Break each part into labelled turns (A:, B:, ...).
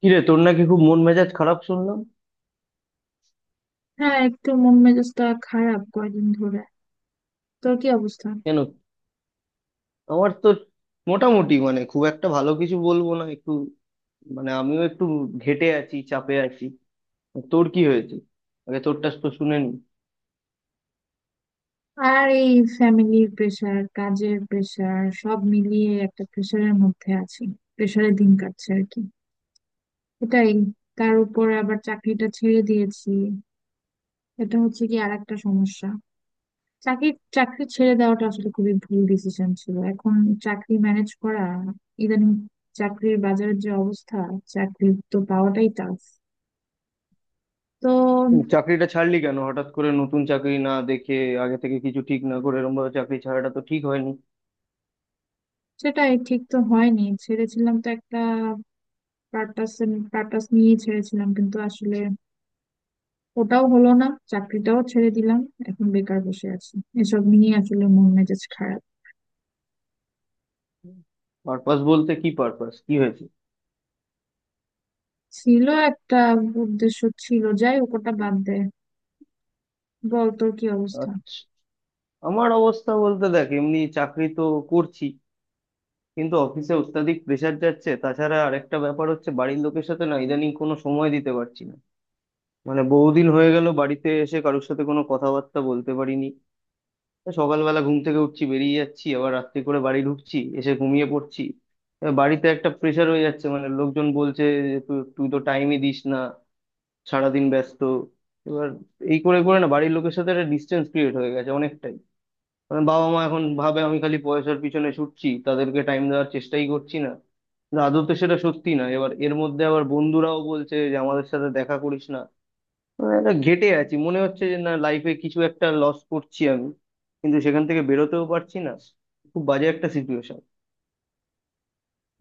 A: কিরে, তোর নাকি খুব মন মেজাজ খারাপ শুনলাম?
B: হ্যাঁ, একটু মন মেজাজটা খারাপ কয়দিন ধরে। তোর কি অবস্থা?
A: কেন? আমার তো মোটামুটি, মানে খুব একটা ভালো কিছু বলবো না, একটু মানে আমিও একটু ঘেঁটে আছি, চাপে আছি। তোর কি হয়েছে? আগে তোরটা তো শুনে নি।
B: আর এই ফ্যামিলির প্রেশার, কাজের প্রেশার, সব মিলিয়ে একটা প্রেশারের মধ্যে আছি। প্রেশারে দিন কাটছে আর কি। এটাই। তার উপর আবার চাকরিটা ছেড়ে দিয়েছি। এটা হচ্ছে কি আর একটা সমস্যা। চাকরি চাকরি ছেড়ে দেওয়াটা আসলে খুবই ভুল ডিসিশন ছিল। এখন চাকরি ম্যানেজ করা, ইদানিং চাকরির বাজারের যে অবস্থা, চাকরি তো পাওয়াটাই টাফ। তো
A: হুম, চাকরিটা ছাড়লি কেন হঠাৎ করে নতুন চাকরি না দেখে? আগে থেকে কিছু ঠিক না করে এরকম ভাবে চাকরি ছাড়াটা তো ঠিক হয়নি।
B: সেটাই, ঠিক তো হয়নি। ছেড়েছিলাম তো একটা পারপাস পারপাস নিয়ে ছেড়েছিলাম, কিন্তু আসলে ওটাও হলো না, চাকরিটাও ছেড়ে দিলাম। এখন বেকার বসে আছি। এসব নিয়ে আসলে মন মেজাজ খারাপ।
A: পারপাস বলতে কি পারপাস কি হয়েছে?
B: ছিল একটা উদ্দেশ্য ছিল, যাই হোক ওটা বাদ দে। বল, তোর কি অবস্থা?
A: আচ্ছা, আমার অবস্থা বলতে দেখ, এমনি চাকরি তো করছি, কিন্তু অফিসে অত্যাধিক প্রেসার যাচ্ছে। তাছাড়া আরেকটা ব্যাপার হচ্ছে, বাড়ির লোকের সাথে না ইদানিং কোনো সময় দিতে পারছি না। মানে বহুদিন হয়ে গেল বাড়িতে এসে কারোর সাথে কোনো কথাবার্তা বলতে পারিনি। তা সকালবেলা ঘুম থেকে উঠছি, বেরিয়ে যাচ্ছি, আবার রাত্রি করে বাড়ি ঢুকছি, এসে ঘুমিয়ে পড়ছি। তা বাড়িতে একটা প্রেসার হয়ে যাচ্ছে, মানে লোকজন বলছে যে তুই তুই তো টাইমই দিস না, সারাদিন ব্যস্ত। এবার এই করে করে না বাড়ির লোকের সাথে একটা ডিস্টেন্স ক্রিয়েট হয়ে গেছে অনেকটাই। কারণ বাবা মা এখন ভাবে আমি খালি পয়সার পিছনে ছুটছি, তাদেরকে টাইম দেওয়ার চেষ্টাই করছি না। কিন্তু আদৌ তো সেটা সত্যি না। এবার এর মধ্যে আবার বন্ধুরাও বলছে যে আমাদের সাথে দেখা করিস না। মানে একটা ঘেটে আছি, মনে হচ্ছে যে না, লাইফে কিছু একটা লস করছি আমি, কিন্তু সেখান থেকে বেরোতেও পারছি না। খুব বাজে একটা সিচুয়েশন।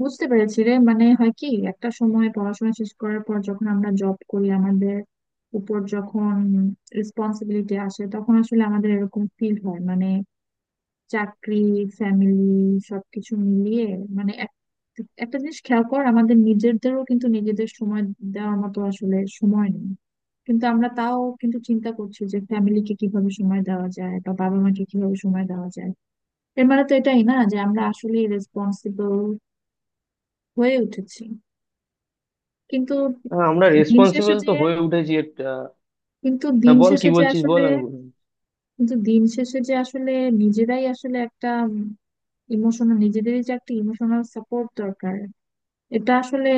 B: বুঝতে পেরেছি রে। মানে হয় কি, একটা সময় পড়াশোনা শেষ করার পর যখন আমরা জব করি, আমাদের উপর যখন রেসপন্সিবিলিটি আসে, তখন আসলে আমাদের এরকম ফিল হয়। মানে চাকরি, ফ্যামিলি, সবকিছু মিলিয়ে মানে একটা জিনিস খেয়াল কর, আমাদের নিজেদেরও কিন্তু নিজেদের সময় দেওয়ার মতো আসলে সময় নেই। কিন্তু আমরা তাও কিন্তু চিন্তা করছি যে ফ্যামিলিকে কিভাবে সময় দেওয়া যায় বা বাবা মাকে কিভাবে সময় দেওয়া যায়। এর মানে তো এটাই না যে আমরা আসলে রেসপন্সিবল হয়ে উঠেছি কিন্তু
A: আমরা
B: দিন শেষে
A: রেসপন্সিবল
B: যে
A: তো হয়ে উঠেছি একটা।
B: কিন্তু
A: হ্যাঁ,
B: দিন
A: বল, কি
B: শেষে যে
A: বলছিস বল,
B: আসলে
A: আমি বলবো।
B: কিন্তু দিন শেষে যে আসলে নিজেরাই আসলে একটা ইমোশনাল নিজেদেরই যে একটা ইমোশনাল সাপোর্ট দরকার। এটা আসলে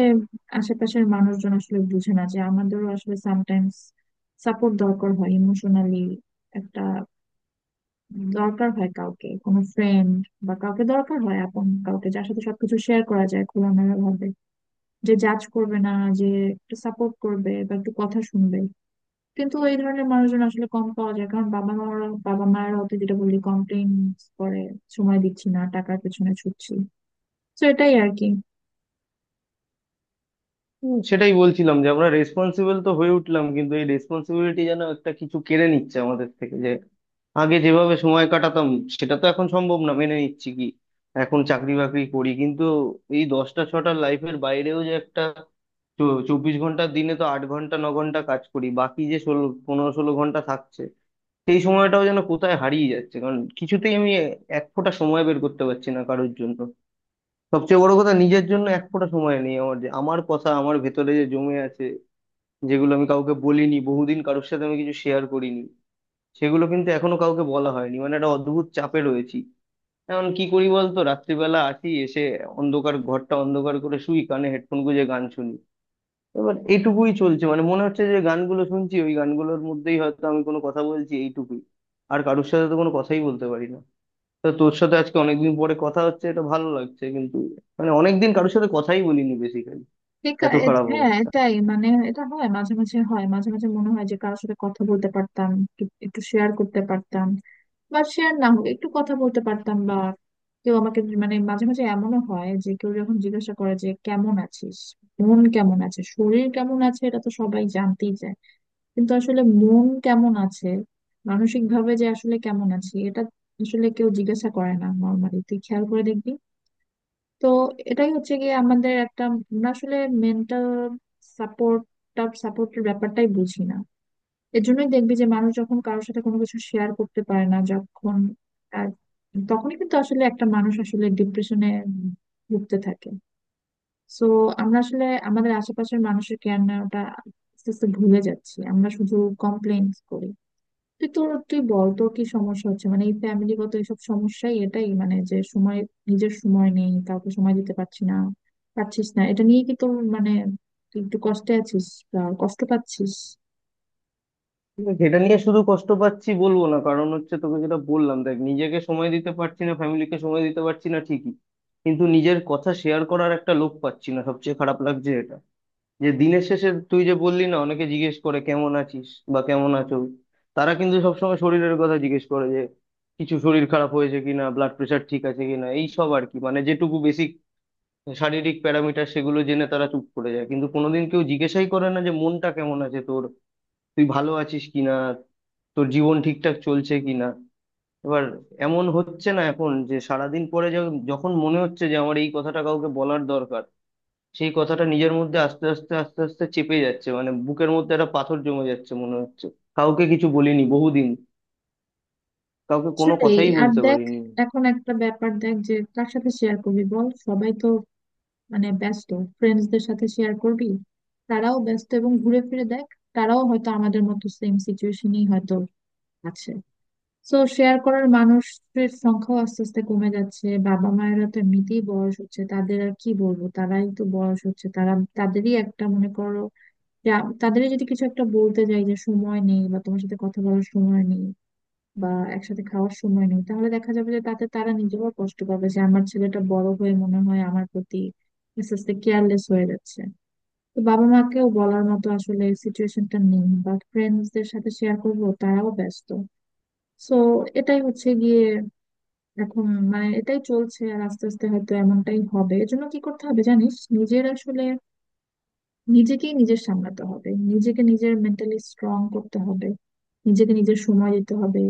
B: আশেপাশের মানুষজন আসলে বুঝে না যে আমাদেরও আসলে সামটাইমস সাপোর্ট দরকার হয় ইমোশনালি। একটা দরকার হয় কাউকে, কোনো ফ্রেন্ড বা কাউকে, দরকার হয় আপন কাউকে যার সাথে সবকিছু শেয়ার করা যায় খোলামেলা ভাবে, যে জাজ করবে না, যে একটু সাপোর্ট করবে বা একটু কথা শুনবে। কিন্তু এই ধরনের মানুষজন আসলে কম পাওয়া যায়, কারণ বাবা মায়ের হয়তো, যেটা বললি, কমপ্লেন করে সময় দিচ্ছি না, টাকার পেছনে ছুটছি। তো এটাই আর কি।
A: হুম, সেটাই বলছিলাম যে আমরা রেসপন্সিবল তো হয়ে উঠলাম, কিন্তু এই রেসপন্সিবিলিটি যেন একটা কিছু কেড়ে নিচ্ছে আমাদের থেকে। যে আগে যেভাবে সময় কাটাতাম, সেটা তো এখন সম্ভব না, মেনে নিচ্ছি কি। এখন চাকরি বাকরি করি, কিন্তু এই 10টা-6টার লাইফের বাইরেও যে একটা 24 ঘন্টার দিনে তো 8 ঘন্টা 9 ঘন্টা কাজ করি, বাকি যে 16, 15-16 ঘন্টা থাকছে, সেই সময়টাও যেন কোথায় হারিয়ে যাচ্ছে। কারণ কিছুতেই আমি এক ফোঁটা সময় বের করতে পারছি না কারোর জন্য। সবচেয়ে বড় কথা নিজের জন্য এক ফোঁটা সময় নেই আমার। যে আমার কথা আমার ভেতরে যে জমে আছে, যেগুলো আমি কাউকে বলিনি বহুদিন, কারোর সাথে আমি কিছু শেয়ার করিনি, সেগুলো কিন্তু এখনো কাউকে বলা হয়নি। মানে একটা অদ্ভুত চাপে রয়েছি। এখন কি করি বলতো, রাত্রিবেলা আসি, এসে অন্ধকার ঘরটা অন্ধকার করে শুই, কানে হেডফোন গুঁজে গান শুনি। এবার এইটুকুই চলছে। মানে মনে হচ্ছে যে গানগুলো শুনছি, ওই গানগুলোর মধ্যেই হয়তো আমি কোনো কথা বলছি, এইটুকুই। আর কারোর সাথে তো কোনো কথাই বলতে পারি না। তো তোর সাথে আজকে অনেকদিন পরে কথা হচ্ছে, এটা ভালো লাগছে কিন্তু, মানে অনেকদিন কারোর সাথে কথাই বলিনি বেসিক্যালি।
B: বেকার।
A: এত খারাপ
B: হ্যাঁ,
A: অবস্থা।
B: এটাই, মানে এটা হয়, মাঝে মাঝে হয়। মাঝে মাঝে মনে হয় যে কারোর সাথে কথা বলতে পারতাম, একটু একটু শেয়ার করতে পারতাম বা শেয়ার না হোক একটু কথা বলতে পারতাম, বা কেউ আমাকে, মানে মাঝে মাঝে এমনও হয় যে কেউ যখন জিজ্ঞাসা করে যে কেমন আছিস, মন কেমন আছে, শরীর কেমন আছে, এটা তো সবাই জানতেই চায়। কিন্তু আসলে মন কেমন আছে, মানসিক ভাবে যে আসলে কেমন আছি, এটা আসলে কেউ জিজ্ঞাসা করে না নর্মালি। তুই খেয়াল করে দেখবি। তো এটাই হচ্ছে গিয়ে আমাদের একটা, আমরা আসলে মেন্টাল সাপোর্ট সাপোর্টের ব্যাপারটাই বুঝি না। এর জন্যই দেখবি যে মানুষ যখন কারোর সাথে কোনো কিছু শেয়ার করতে পারে না যখন, আর তখনই কিন্তু আসলে একটা মানুষ আসলে ডিপ্রেশনে ভুগতে থাকে। সো আমরা আসলে আমাদের আশেপাশের মানুষের কেয়ার নেওয়াটা আস্তে আস্তে ভুলে যাচ্ছি, আমরা শুধু কমপ্লেন করি। তুই বল, তোর কি সমস্যা হচ্ছে? মানে এই ফ্যামিলিগত এইসব সমস্যাই, এটাই, মানে যে সময়, নিজের সময় নেই, কাউকে সময় দিতে পারছি না, পারছিস না, এটা নিয়ে কি তোর, মানে তুই একটু কষ্টে আছিস বা কষ্ট পাচ্ছিস?
A: কিন্তু এটা নিয়ে শুধু কষ্ট পাচ্ছি বলবো না। কারণ হচ্ছে তোকে যেটা বললাম, দেখ, নিজেকে সময় দিতে পারছি না, ফ্যামিলিকে সময় দিতে পারছি না ঠিকই, কিন্তু নিজের কথা শেয়ার করার একটা লোক পাচ্ছি না, সবচেয়ে খারাপ লাগছে এটা। যে দিনের শেষে তুই যে বললি না, অনেকে জিজ্ঞেস করে কেমন আছিস বা কেমন আছো, তারা কিন্তু সবসময় শরীরের কথা জিজ্ঞেস করে। যে কিছু শরীর খারাপ হয়েছে কিনা, ব্লাড প্রেশার ঠিক আছে কিনা, এই সব আর কি। মানে যেটুকু শারীরিক প্যারামিটার, সেগুলো জেনে তারা চুপ করে যায়, কিন্তু কোনোদিন কেউ জিজ্ঞাসাই করে না যে মনটা কেমন আছে তোর, তুই ভালো আছিস কিনা, তোর জীবন ঠিকঠাক চলছে কিনা। এবার এমন হচ্ছে না এখন যে সারাদিন পরে যখন মনে হচ্ছে যে আমার এই কথাটা কাউকে বলার দরকার, সেই কথাটা নিজের মধ্যে আস্তে আস্তে আস্তে আস্তে চেপে যাচ্ছে। মানে বুকের মধ্যে একটা পাথর জমে যাচ্ছে মনে হচ্ছে। কাউকে কিছু বলিনি বহুদিন, কাউকে কোনো
B: আসলে
A: কথাই
B: আর
A: বলতে
B: দেখ,
A: পারিনি।
B: এখন একটা ব্যাপার দেখ, যে কার সাথে শেয়ার করবি বল, সবাই তো মানে ব্যস্ত। ফ্রেন্ডসদের সাথে শেয়ার করবি, তারাও ব্যস্ত, এবং ঘুরে ফিরে দেখ তারাও হয়তো আমাদের মতো সেম সিচুয়েশনই হয়তো আছে। তো শেয়ার করার মানুষের সংখ্যাও আস্তে আস্তে কমে যাচ্ছে। বাবা মায়েরা তো এমনিতেই বয়স হচ্ছে, তাদের আর কি বলবো, তারাই তো বয়স হচ্ছে। তারা তাদেরই একটা মনে করো যে তাদেরই যদি কিছু একটা বলতে যাই যে সময় নেই বা তোমার সাথে কথা বলার সময় নেই বা একসাথে খাওয়ার সময় নেই, তাহলে দেখা যাবে যে তাতে তারা নিজেরাও কষ্ট পাবে, যে আমার ছেলেটা বড় হয়ে মনে হয় আমার প্রতি আস্তে আস্তে কেয়ারলেস হয়ে যাচ্ছে। তো বাবা মাকেও বলার মতো আসলে সিচুয়েশনটা নেই, বা ফ্রেন্ডসদের সাথে শেয়ার করবো, তারাও ব্যস্ত। সো এটাই হচ্ছে গিয়ে এখন, মানে এটাই চলছে, আর আস্তে আস্তে হয়তো এমনটাই হবে। এর জন্য কি করতে হবে জানিস, নিজের আসলে নিজেকেই নিজের সামলাতে হবে, নিজেকে নিজের মেন্টালি স্ট্রং করতে হবে, নিজেকে নিজের সময় দিতে হবে।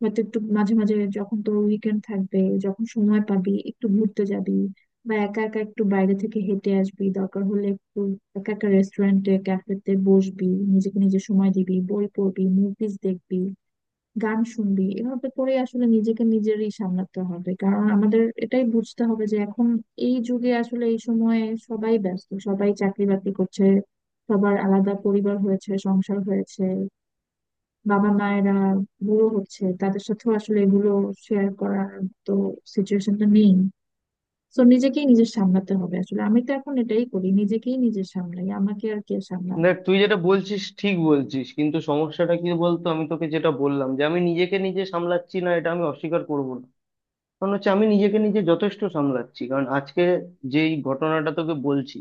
B: হয়তো একটু মাঝে মাঝে যখন তোর উইকেন্ড থাকবে, যখন সময় পাবি, একটু ঘুরতে যাবি বা একা একা একটু বাইরে থেকে হেঁটে আসবি, দরকার হলে একটু একা একা রেস্টুরেন্টে ক্যাফেতে বসবি, নিজেকে নিজের সময় দিবি, বই পড়বি, মুভিজ দেখবি, গান শুনবি। এভাবে করে আসলে নিজেকে নিজেরই সামলাতে হবে, কারণ আমাদের এটাই বুঝতে হবে যে এখন এই যুগে আসলে এই সময়ে সবাই ব্যস্ত, সবাই চাকরি বাকরি করছে, সবার আলাদা পরিবার হয়েছে, সংসার হয়েছে, বাবা মায়েরা বুড়ো হচ্ছে, তাদের সাথেও আসলে এগুলো শেয়ার করার তো সিচুয়েশনটা নেই। তো নিজেকেই নিজের সামলাতে হবে আসলে, আমি তো এখন এটাই করি, নিজেকেই নিজের সামলাই, আমাকে আর কে সামলাবে।
A: দেখ, তুই যেটা বলছিস ঠিক বলছিস, কিন্তু সমস্যাটা কি বলতো, আমি তোকে যেটা বললাম যে আমি নিজেকে নিজে সামলাচ্ছি না, এটা আমি অস্বীকার করব না। কারণ হচ্ছে আমি নিজেকে নিজে যথেষ্ট সামলাচ্ছি। কারণ আজকে যেই ঘটনাটা তোকে বলছি,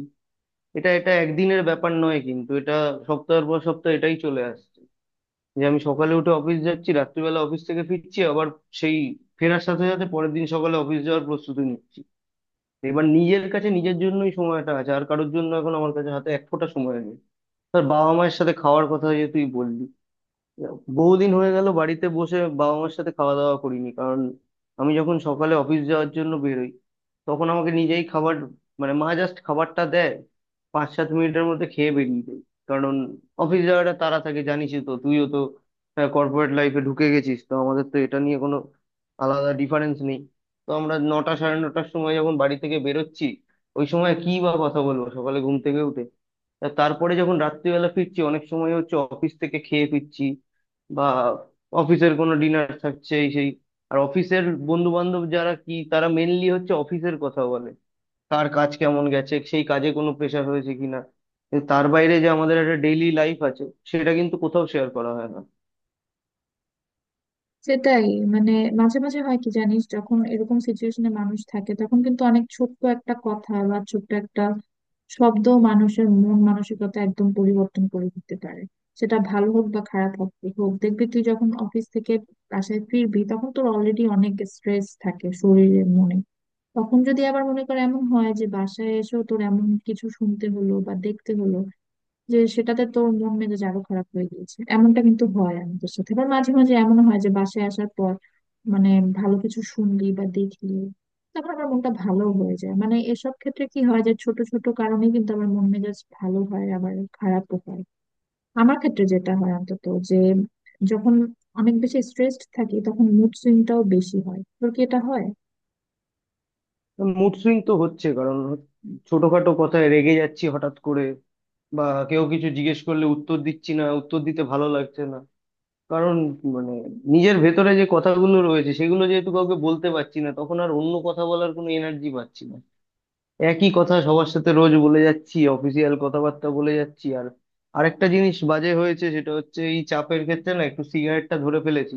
A: এটা এটা একদিনের ব্যাপার নয়, কিন্তু এটা সপ্তাহের পর সপ্তাহ এটাই চলে আসছে। যে আমি সকালে উঠে অফিস যাচ্ছি, রাত্রিবেলা অফিস থেকে ফিরছি, আবার সেই ফেরার সাথে সাথে পরের দিন সকালে অফিস যাওয়ার প্রস্তুতি নিচ্ছি। এবার নিজের কাছে নিজের জন্যই সময়টা আছে, আর কারোর জন্য এখন আমার কাছে হাতে এক ফোঁটা সময় নেই। তোর বাবা মায়ের সাথে খাওয়ার কথা যে তুই বললি, বহুদিন হয়ে গেল বাড়িতে বসে বাবা মার সাথে খাওয়া দাওয়া করিনি। কারণ আমি যখন সকালে অফিস যাওয়ার জন্য বেরোই, তখন আমাকে নিজেই খাবার, মানে মা জাস্ট খাবারটা দেয়, 5-7 মিনিটের মধ্যে খেয়ে বেরিয়ে যাই। কারণ অফিস যাওয়াটা তাড়া থাকে, জানিসই তো, তুইও তো কর্পোরেট লাইফে ঢুকে গেছিস, তো আমাদের তো এটা নিয়ে কোনো আলাদা ডিফারেন্স নেই। তো আমরা 9টা সাড়ে 9টার সময় যখন বাড়ি থেকে বেরোচ্ছি, ওই সময় কি বা কথা বলবো সকালে ঘুম থেকে উঠে? তা তারপরে যখন রাত্রিবেলা ফিরছি, অনেক সময় হচ্ছে অফিস থেকে খেয়ে ফিরছি, বা অফিসের কোনো ডিনার থাকছে এই সেই। আর অফিসের বন্ধু বান্ধব যারা, কি তারা মেনলি হচ্ছে অফিসের কথা বলে, কার কাজ কেমন গেছে, সেই কাজে কোনো প্রেশার হয়েছে কিনা। কিন্তু তার বাইরে যে আমাদের একটা ডেইলি লাইফ আছে, সেটা কিন্তু কোথাও শেয়ার করা হয় না।
B: সেটাই, মানে মাঝে মাঝে হয় কি জানিস, যখন এরকম সিচুয়েশনে মানুষ থাকে তখন কিন্তু অনেক ছোট্ট একটা কথা বা ছোট্ট একটা শব্দ মানুষের মন মানসিকতা একদম পরিবর্তন করে দিতে পারে, সেটা ভালো হোক বা খারাপ হোক। দেখবি তুই যখন অফিস থেকে বাসায় ফিরবি তখন তোর অলরেডি অনেক স্ট্রেস থাকে শরীরে মনে, তখন যদি আবার মনে কর এমন হয় যে বাসায় এসেও তোর এমন কিছু শুনতে হলো বা দেখতে হলো যে সেটাতে তোর মন মেজাজ আরো খারাপ হয়ে গিয়েছে, এমনটা কিন্তু হয় আমাদের সাথে। আবার মাঝে মাঝে এমন হয় যে বাসায় আসার পর মানে ভালো কিছু শুনলি বা দেখলি, তারপর আমার মনটা ভালো হয়ে যায়। মানে এসব ক্ষেত্রে কি হয়, যে ছোট ছোট কারণে কিন্তু আমার মন মেজাজ ভালো হয় আবার খারাপও হয়। আমার ক্ষেত্রে যেটা হয় অন্তত, যে যখন অনেক বেশি স্ট্রেসড থাকি তখন মুড সুইংটাও বেশি হয়। তোর কি এটা হয়?
A: মুড সুইং তো হচ্ছে। কারণ ছোটখাটো কথায় রেগে যাচ্ছি হঠাৎ করে, বা কেউ কিছু জিজ্ঞেস করলে উত্তর দিচ্ছি না, উত্তর দিতে ভালো লাগছে না। কারণ, মানে, নিজের ভেতরে যে কথাগুলো রয়েছে, সেগুলো যেহেতু কাউকে বলতে পারছি না, তখন আর অন্য কথা বলার কোনো এনার্জি পাচ্ছি না। একই কথা সবার সাথে রোজ বলে যাচ্ছি, অফিসিয়াল কথাবার্তা বলে যাচ্ছি। আর আরেকটা জিনিস বাজে হয়েছে, সেটা হচ্ছে এই চাপের ক্ষেত্রে না একটু সিগারেটটা ধরে ফেলেছি।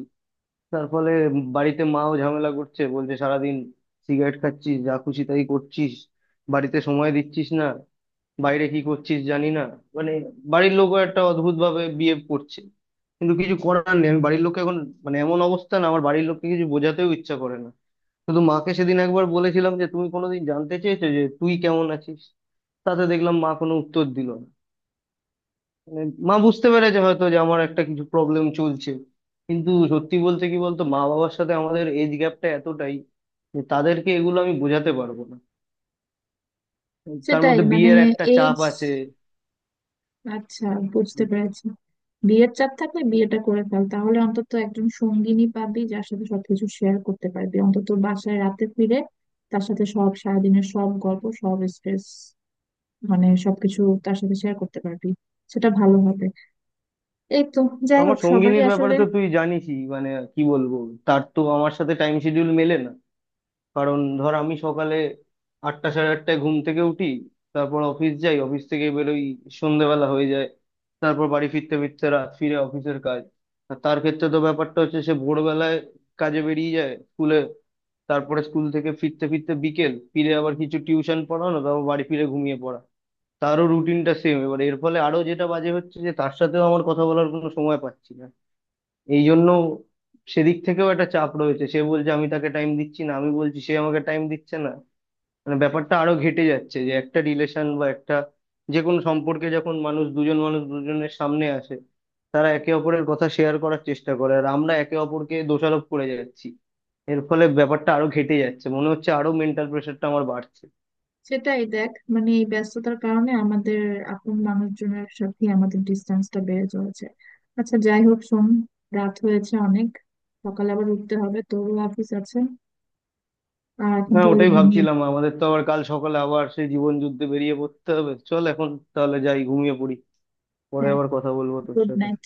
A: তার ফলে বাড়িতে মাও ঝামেলা করছে, বলছে সারাদিন সিগারেট খাচ্ছিস, যা খুশি তাই করছিস, বাড়িতে সময় দিচ্ছিস না, বাইরে কি করছিস জানি না। মানে বাড়ির লোকও একটা অদ্ভুত ভাবে বিহেভ করছে। কিন্তু কিছু করার নেই, আমি বাড়ির লোককে এখন, মানে এমন অবস্থা না, আমার বাড়ির লোককে কিছু বোঝাতেও ইচ্ছা করে না। শুধু মাকে সেদিন একবার বলেছিলাম যে তুমি কোনোদিন জানতে চেয়েছো যে তুই কেমন আছিস? তাতে দেখলাম মা কোনো উত্তর দিল না। মানে মা বুঝতে পেরেছে হয়তো যে আমার একটা কিছু প্রবলেম চলছে। কিন্তু সত্যি বলতে কি বলতো, মা বাবার সাথে আমাদের এজ গ্যাপটা এতটাই যে তাদেরকে এগুলো আমি বোঝাতে পারবো না। তার
B: সেটাই,
A: মধ্যে
B: মানে
A: বিয়ের একটা চাপ
B: এজ,
A: আছে।
B: আচ্ছা, বুঝতে পেরেছি। বিয়ের চাপ থাকলে বিয়েটা করে ফেল, তাহলে অন্তত একজন সঙ্গিনী পাবি যার সাথে সবকিছু শেয়ার করতে পারবি, অন্তত বাসায় রাতে ফিরে তার সাথে সব সারাদিনের সব গল্প, সব স্ট্রেস, মানে সবকিছু তার সাথে শেয়ার করতে পারবি, সেটা ভালো হবে। এই তো, যাই
A: আমার
B: হোক, সবারই
A: সঙ্গিনীর ব্যাপারে
B: আসলে
A: তো তুই জানিসই, মানে কি বলবো, তার তো আমার সাথে টাইম শিডিউল মেলে না। কারণ ধর আমি সকালে 8টা সাড়ে 8টায় ঘুম থেকে উঠি, তারপর অফিস যাই, অফিস থেকে বেরোই, সন্ধ্যেবেলা হয়ে যায়, তারপর বাড়ি ফিরতে ফিরতে রাত, ফিরে অফিসের কাজ। আর তার ক্ষেত্রে তো ব্যাপারটা হচ্ছে সে ভোরবেলায় কাজে বেরিয়ে যায় স্কুলে, তারপরে স্কুল থেকে ফিরতে ফিরতে বিকেল, ফিরে আবার কিছু টিউশন পড়ানো, তারপর বাড়ি ফিরে ঘুমিয়ে পড়া। তারও রুটিনটা সেম। এবার এর ফলে আরো যেটা বাজে হচ্ছে যে তার সাথেও আমার কথা বলার কোনো সময় পাচ্ছি না। এই জন্য সেদিক থেকেও একটা চাপ রয়েছে। সে বলছে আমি তাকে টাইম দিচ্ছি না, আমি বলছি সে আমাকে টাইম দিচ্ছে না। মানে ব্যাপারটা আরো ঘেটে যাচ্ছে। যে একটা রিলেশন বা একটা যে কোনো সম্পর্কে যখন মানুষ দুজন, মানুষ দুজনের সামনে আসে, তারা একে অপরের কথা শেয়ার করার চেষ্টা করে, আর আমরা একে অপরকে দোষারোপ করে যাচ্ছি। এর ফলে ব্যাপারটা আরো ঘেটে যাচ্ছে, মনে হচ্ছে আরো মেন্টাল প্রেশারটা আমার বাড়ছে।
B: সেটাই দেখ, মানে এই ব্যস্ততার কারণে আমাদের আপন মানুষজনের সাথে আমাদের ডিস্টেন্সটা বেড়ে চলেছে। আচ্ছা, যাই হোক, শোন, রাত হয়েছে অনেক, সকালে আবার উঠতে হবে, তোরও অফিস আছে, আর এখন
A: হ্যাঁ,
B: তাহলে
A: ওটাই
B: ঘুমিয়ে
A: ভাবছিলাম,
B: পড়ি।
A: আমাদের তো আবার কাল সকালে আবার সেই জীবন যুদ্ধে বেরিয়ে পড়তে হবে। চল এখন তাহলে, যাই ঘুমিয়ে পড়ি। পরে
B: হ্যাঁ,
A: আবার কথা বলবো তোর
B: গুড
A: সাথে।
B: নাইট।